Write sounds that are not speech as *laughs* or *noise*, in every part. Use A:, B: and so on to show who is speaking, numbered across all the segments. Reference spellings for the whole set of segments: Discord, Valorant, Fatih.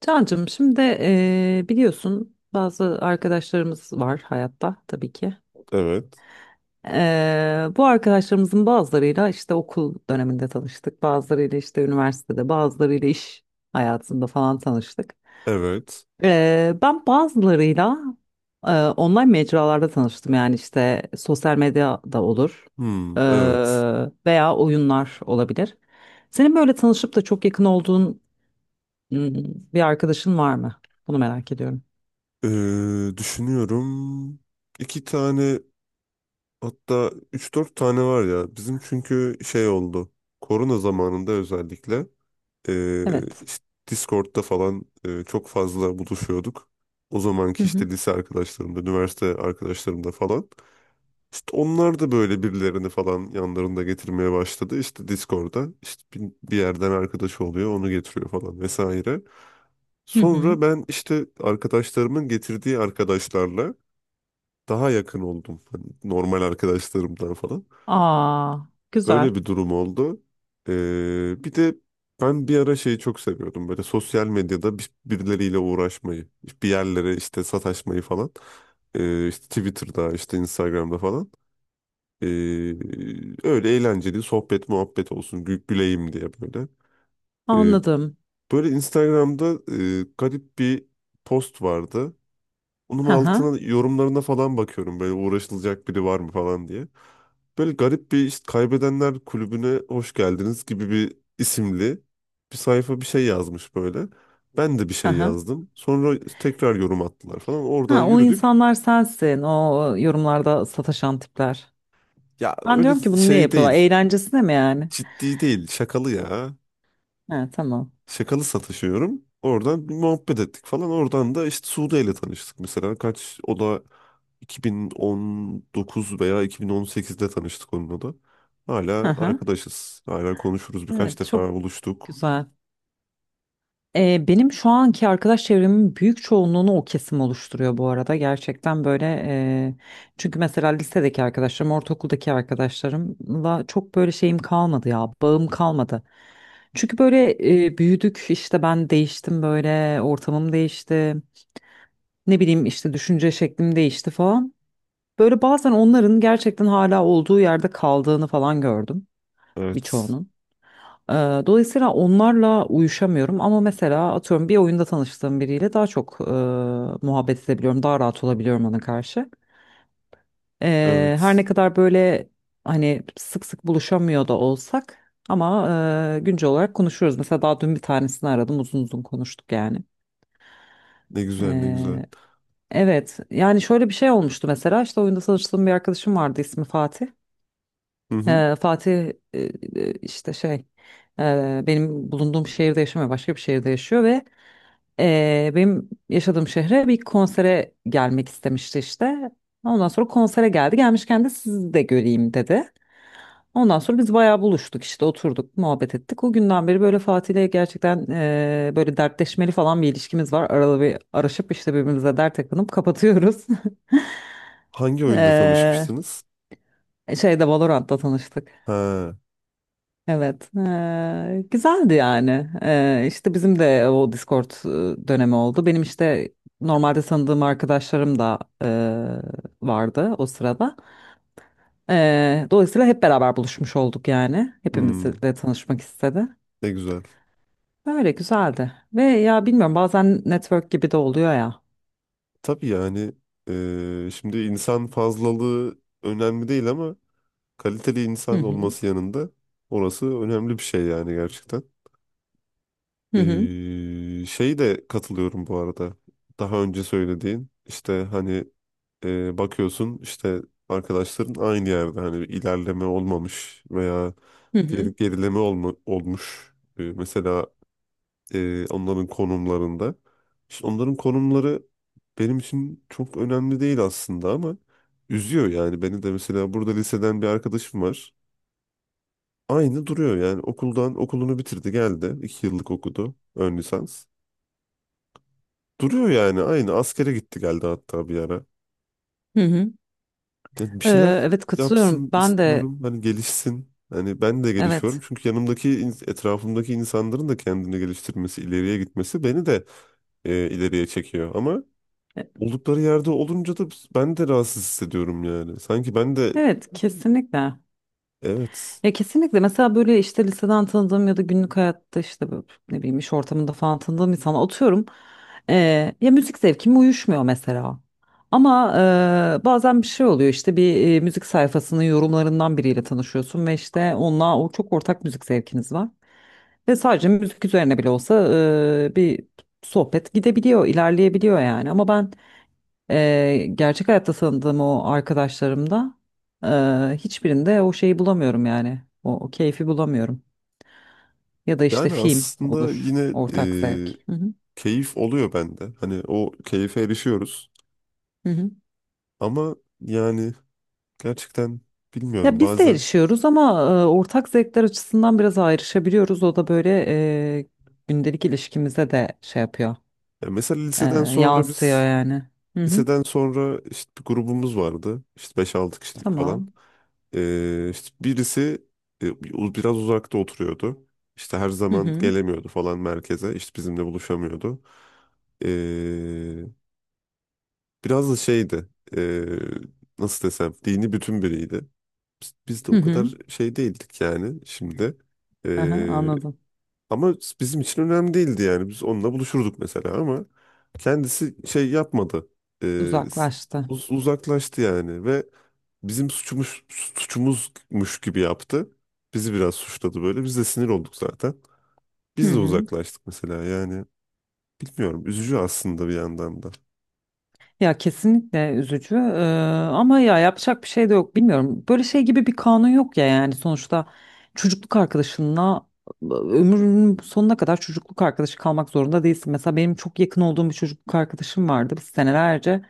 A: Cancığım şimdi biliyorsun bazı arkadaşlarımız var hayatta tabii ki.
B: Evet.
A: Bu arkadaşlarımızın bazılarıyla işte okul döneminde tanıştık. Bazılarıyla işte üniversitede, bazılarıyla iş hayatında falan tanıştık.
B: Evet.
A: Ben bazılarıyla online mecralarda tanıştım. Yani işte sosyal medya da olur
B: Hmm, evet.
A: veya oyunlar olabilir. Senin böyle tanışıp da çok yakın olduğun hmm, bir arkadaşın var mı? Bunu merak ediyorum.
B: Düşünüyorum. İki tane hatta üç dört tane var ya. Bizim çünkü şey oldu. Korona zamanında özellikle ee,
A: Evet.
B: işte Discord'da falan çok fazla buluşuyorduk. O
A: Hı
B: zamanki işte
A: hı.
B: lise arkadaşlarımda, üniversite arkadaşlarımda falan. İşte onlar da böyle birilerini falan yanlarında getirmeye başladı. İşte Discord'da işte bir yerden arkadaşı oluyor, onu getiriyor falan vesaire.
A: Hı hı.
B: Sonra ben işte arkadaşlarımın getirdiği arkadaşlarla daha yakın oldum. Hani normal arkadaşlarımdan falan.
A: Aa, güzel.
B: Öyle bir durum oldu. Bir de ben bir ara şeyi çok seviyordum. Böyle sosyal medyada birileriyle uğraşmayı, bir yerlere işte sataşmayı falan. İşte Twitter'da, işte Instagram'da falan. Ee, Öyle eğlenceli sohbet muhabbet olsun, güleyim diye böyle. Ee,
A: Anladım.
B: Böyle Instagram'da garip bir post vardı. Onun
A: Hı hı.
B: altına yorumlarına falan bakıyorum böyle uğraşılacak biri var mı falan diye. Böyle garip bir işte kaybedenler kulübüne hoş geldiniz gibi bir isimli bir sayfa bir şey yazmış böyle. Ben de bir
A: Hı
B: şey
A: hı.
B: yazdım. Sonra tekrar yorum attılar falan. Oradan
A: Ha, o
B: yürüdük.
A: insanlar sensin. O yorumlarda sataşan tipler.
B: Ya
A: Ben
B: öyle
A: diyorum ki bunu niye
B: şey
A: yapıyorlar?
B: değil.
A: Eğlencesine mi yani?
B: Ciddi değil. Şakalı ya.
A: Ha, tamam.
B: Şakalı satışıyorum. Oradan bir muhabbet ettik falan. Oradan da işte Sude ile tanıştık mesela. Kaç o da 2019 veya 2018'de tanıştık onunla da.
A: Hı
B: Hala
A: hı.
B: arkadaşız. Hala konuşuruz. Birkaç
A: Evet, çok
B: defa buluştuk.
A: güzel. Benim şu anki arkadaş çevremin büyük çoğunluğunu o kesim oluşturuyor bu arada. Gerçekten böyle e, çünkü mesela lisedeki arkadaşlarım, ortaokuldaki arkadaşlarımla çok böyle şeyim kalmadı ya, bağım kalmadı. Çünkü böyle büyüdük işte ben değiştim böyle ortamım değişti. Ne bileyim işte düşünce şeklim değişti falan. Böyle bazen onların gerçekten hala olduğu yerde kaldığını falan gördüm
B: Evet.
A: birçoğunun. Ee, Dolayısıyla onlarla uyuşamıyorum ama mesela atıyorum bir oyunda tanıştığım biriyle daha çok muhabbet edebiliyorum, daha rahat olabiliyorum ona karşı. Her ne
B: Evet.
A: kadar böyle hani sık sık buluşamıyor da olsak ama güncel olarak konuşuyoruz. Mesela daha dün bir tanesini aradım, uzun uzun konuştuk yani.
B: Ne güzel, ne güzel.
A: Ee, evet, yani şöyle bir şey olmuştu mesela işte oyunda tanıştığım bir arkadaşım vardı ismi Fatih.
B: Hı hı.
A: Fatih e, işte şey benim bulunduğum şehirde yaşamıyor başka bir şehirde yaşıyor ve benim yaşadığım şehre bir konsere gelmek istemişti işte. Ondan sonra konsere geldi gelmişken de sizi de göreyim dedi. Ondan sonra biz bayağı buluştuk işte oturduk muhabbet ettik. O günden beri böyle Fatih'le gerçekten böyle dertleşmeli falan bir ilişkimiz var. Aralı bir araşıp işte birbirimize dert takınıp kapatıyoruz. *laughs*
B: Hangi oyunda
A: E,
B: tanışmıştınız?
A: Şeyde Valorant'ta tanıştık.
B: Ha.
A: Evet, güzeldi yani. İşte bizim de o Discord dönemi oldu. Benim işte normalde tanıdığım arkadaşlarım da vardı o sırada. Dolayısıyla hep beraber buluşmuş olduk yani.
B: Hmm.
A: Hepimizle tanışmak istedi.
B: Ne güzel.
A: Böyle güzeldi. Ve ya bilmiyorum bazen network gibi de oluyor ya.
B: Tabii yani şimdi insan fazlalığı önemli değil ama kaliteli
A: Hı
B: insan
A: hı,
B: olması yanında orası önemli bir şey yani gerçekten.
A: hı hı,
B: Ee, Şey de katılıyorum bu arada. Daha önce söylediğin işte hani bakıyorsun işte arkadaşların aynı yerde hani bir ilerleme olmamış veya
A: hı hı,
B: gerileme olmuş. Mesela onların konumlarında. İşte onların konumları benim için çok önemli değil aslında ama üzüyor yani beni de mesela burada liseden bir arkadaşım var. Aynı duruyor yani okuldan okulunu bitirdi geldi. İki yıllık okudu ön lisans. Duruyor yani aynı askere gitti geldi hatta bir ara.
A: hı hı.
B: Ya bir şeyler
A: Evet katılıyorum.
B: yapsın
A: Ben de
B: istiyorum hani gelişsin. Hani ben de gelişiyorum
A: evet.
B: çünkü yanımdaki etrafımdaki insanların da kendini geliştirmesi, ileriye gitmesi beni de ileriye çekiyor. Ama
A: E,
B: oldukları yerde olunca da ben de rahatsız hissediyorum yani. Sanki ben de
A: Evet kesinlikle.
B: evet
A: Ya kesinlikle mesela böyle işte liseden tanıdığım ya da günlük hayatta işte böyle ne bileyim iş ortamında falan tanıdığım insana atıyorum. Ya müzik zevkim uyuşmuyor mesela. Ama bazen bir şey oluyor işte bir müzik sayfasının yorumlarından biriyle tanışıyorsun ve işte onunla o çok ortak müzik zevkiniz var. Ve sadece müzik üzerine bile olsa bir sohbet gidebiliyor, ilerleyebiliyor yani. Ama ben Gerçek hayatta tanıdığım o arkadaşlarımda hiçbirinde o şeyi bulamıyorum yani. O keyfi bulamıyorum. Ya da işte
B: yani
A: film
B: aslında
A: olur.
B: yine
A: Ortak zevk.
B: e,
A: Hı hı.
B: keyif oluyor bende. Hani o keyfe erişiyoruz
A: Hı hı.
B: ama yani gerçekten
A: Ya
B: bilmiyorum
A: biz de
B: bazen.
A: erişiyoruz ama ortak zevkler açısından biraz ayrışabiliyoruz. O da böyle gündelik ilişkimize de şey yapıyor.
B: Ya mesela
A: Eee,
B: liseden sonra
A: Yansıyor
B: biz
A: yani. Hı hı.
B: Liseden sonra işte bir grubumuz vardı. İşte beş altı kişilik falan.
A: Tamam.
B: İşte birisi biraz uzakta oturuyordu. İşte her
A: Hı
B: zaman
A: hı.
B: gelemiyordu falan merkeze. İşte bizimle buluşamıyordu. Ee, Biraz da şeydi. e, Nasıl desem, dini bütün biriydi. Biz de
A: Hı
B: o
A: hı.
B: kadar şey değildik yani şimdi.
A: Aha,
B: E,
A: anladım.
B: ama bizim için önemli değildi yani. Biz onunla buluşurduk mesela ama kendisi şey yapmadı. Ee,
A: Uzaklaştı.
B: Uzaklaştı yani ve bizim suçumuzmuş gibi yaptı. Bizi biraz suçladı böyle. Biz de sinir olduk zaten.
A: Hı
B: Biz de
A: hı.
B: uzaklaştık mesela yani. Bilmiyorum. Üzücü aslında bir yandan da.
A: Ya kesinlikle üzücü. Ama ya yapacak bir şey de yok bilmiyorum. Böyle şey gibi bir kanun yok ya yani sonuçta çocukluk arkadaşınla ömrünün sonuna kadar çocukluk arkadaşı kalmak zorunda değilsin. Mesela benim çok yakın olduğum bir çocukluk arkadaşım vardı. Biz senelerce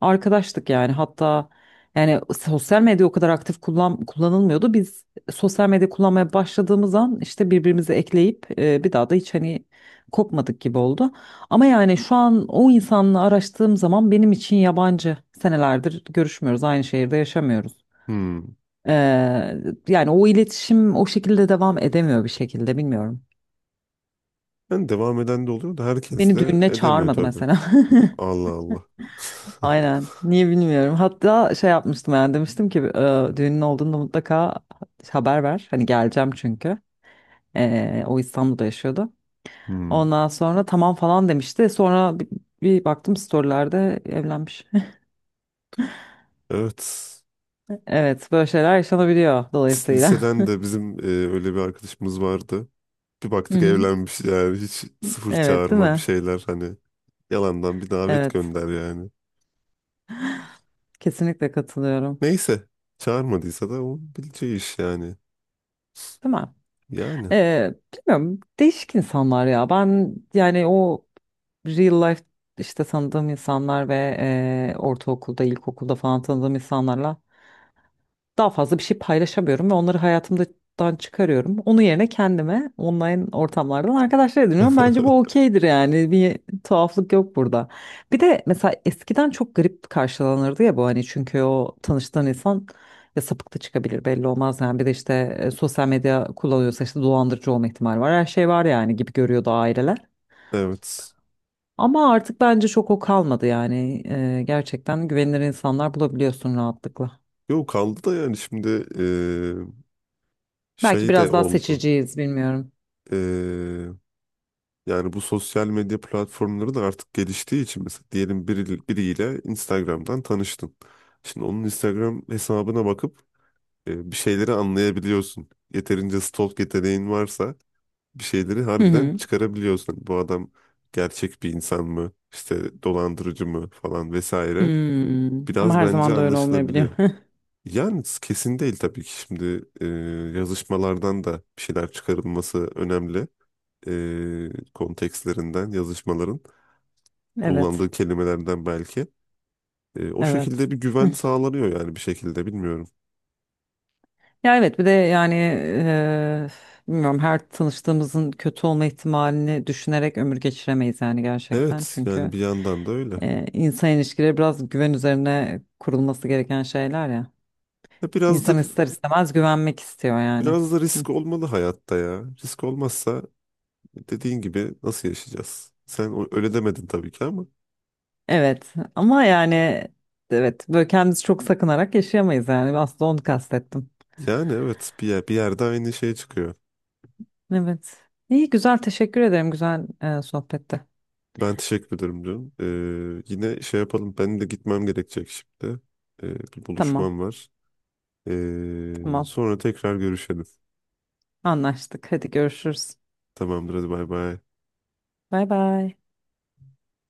A: arkadaştık yani hatta yani sosyal medya o kadar aktif kullanılmıyordu. Biz sosyal medya kullanmaya başladığımız an işte birbirimizi ekleyip bir daha da hiç hani kopmadık gibi oldu. Ama yani şu an o insanla araştığım zaman benim için yabancı. Senelerdir görüşmüyoruz, aynı şehirde yaşamıyoruz.
B: Hmm.
A: Ee, Yani o iletişim o şekilde devam edemiyor bir şekilde bilmiyorum.
B: Yani devam eden de oluyor da herkes
A: Beni
B: de
A: düğününe
B: edemiyor
A: çağırmadı
B: tabii.
A: mesela.
B: Allah Allah.
A: *laughs*
B: *laughs*
A: Aynen. Niye bilmiyorum. Hatta şey yapmıştım yani demiştim ki düğünün olduğunda mutlaka haber ver. Hani geleceğim çünkü. O İstanbul'da yaşıyordu.
B: Hmm.
A: Ondan sonra tamam falan demişti. Sonra bir baktım storylerde evlenmiş.
B: Evet.
A: Evet, böyle şeyler yaşanabiliyor dolayısıyla.
B: Liseden de bizim öyle bir arkadaşımız vardı. Bir
A: *laughs* Hı
B: baktık
A: hı.
B: evlenmiş yani hiç sıfır
A: Evet, değil
B: çağırma bir
A: mi?
B: şeyler hani yalandan bir davet
A: Evet,
B: gönder yani.
A: kesinlikle katılıyorum.
B: Neyse, çağırmadıysa da o bileceği iş yani.
A: Değil mi?
B: Yani
A: Bilmiyorum, değişik insanlar ya. Ben yani o real life işte tanıdığım insanlar ve ortaokulda, ilkokulda falan tanıdığım insanlarla daha fazla bir şey paylaşamıyorum ve onları hayatımdan çıkarıyorum. Onun yerine kendime online ortamlardan arkadaşlar ediniyorum. Bence bu
B: *laughs*
A: okeydir yani. Bir tuhaflık yok burada. Bir de mesela eskiden çok garip karşılanırdı ya bu hani çünkü o tanıştığın insan ya sapık da çıkabilir belli olmaz yani bir de işte sosyal medya kullanıyorsa işte dolandırıcı olma ihtimali var her şey var yani gibi görüyordu aileler.
B: evet.
A: Ama artık bence çok o kalmadı yani. Gerçekten güvenilir insanlar bulabiliyorsun rahatlıkla.
B: Yok, kaldı da yani şimdi eee,
A: Belki
B: şey de
A: biraz daha
B: oldu.
A: seçiciyiz bilmiyorum.
B: Eee, Yani bu sosyal medya platformları da artık geliştiği için mesela diyelim biriyle Instagram'dan tanıştın. Şimdi onun Instagram hesabına bakıp bir şeyleri anlayabiliyorsun. Yeterince stalk yeteneğin varsa bir şeyleri
A: Hı
B: harbiden
A: hı.
B: çıkarabiliyorsun. Bu adam gerçek bir insan mı? İşte dolandırıcı mı falan vesaire.
A: Hmm. Ama
B: Biraz
A: her
B: bence
A: zaman da öyle olmayabiliyor.
B: anlaşılabiliyor.
A: *laughs*
B: Yani kesin değil tabii ki şimdi yazışmalardan da bir şeyler çıkarılması önemli. Kontekstlerinden, yazışmaların
A: Evet.
B: kullandığı kelimelerden belki. O
A: Evet.
B: şekilde bir güven
A: Hı.
B: sağlanıyor yani bir şekilde bilmiyorum.
A: Ya evet bir de yani bilmiyorum her tanıştığımızın kötü olma ihtimalini düşünerek ömür geçiremeyiz yani gerçekten.
B: Evet, yani
A: Çünkü
B: bir yandan da öyle.
A: insan ilişkileri biraz güven üzerine kurulması gereken şeyler ya.
B: Biraz da
A: İnsan ister istemez güvenmek istiyor yani.
B: biraz da
A: Hı.
B: risk olmalı hayatta ya. Risk olmazsa, dediğin gibi nasıl yaşayacağız? Öyle demedin tabii ki ama
A: Evet ama yani evet böyle kendimizi çok sakınarak yaşayamayız yani aslında onu kastettim.
B: yani evet, bir yerde aynı şey çıkıyor.
A: Evet. İyi güzel teşekkür ederim güzel sohbette.
B: Ben teşekkür ederim diyorum. Yine şey yapalım. Benim de gitmem gerekecek şimdi. Bir
A: Tamam
B: buluşmam var.
A: tamam
B: Sonra tekrar görüşelim.
A: anlaştık. Hadi görüşürüz.
B: Tamamdır, hadi bay bay.
A: Bay bay.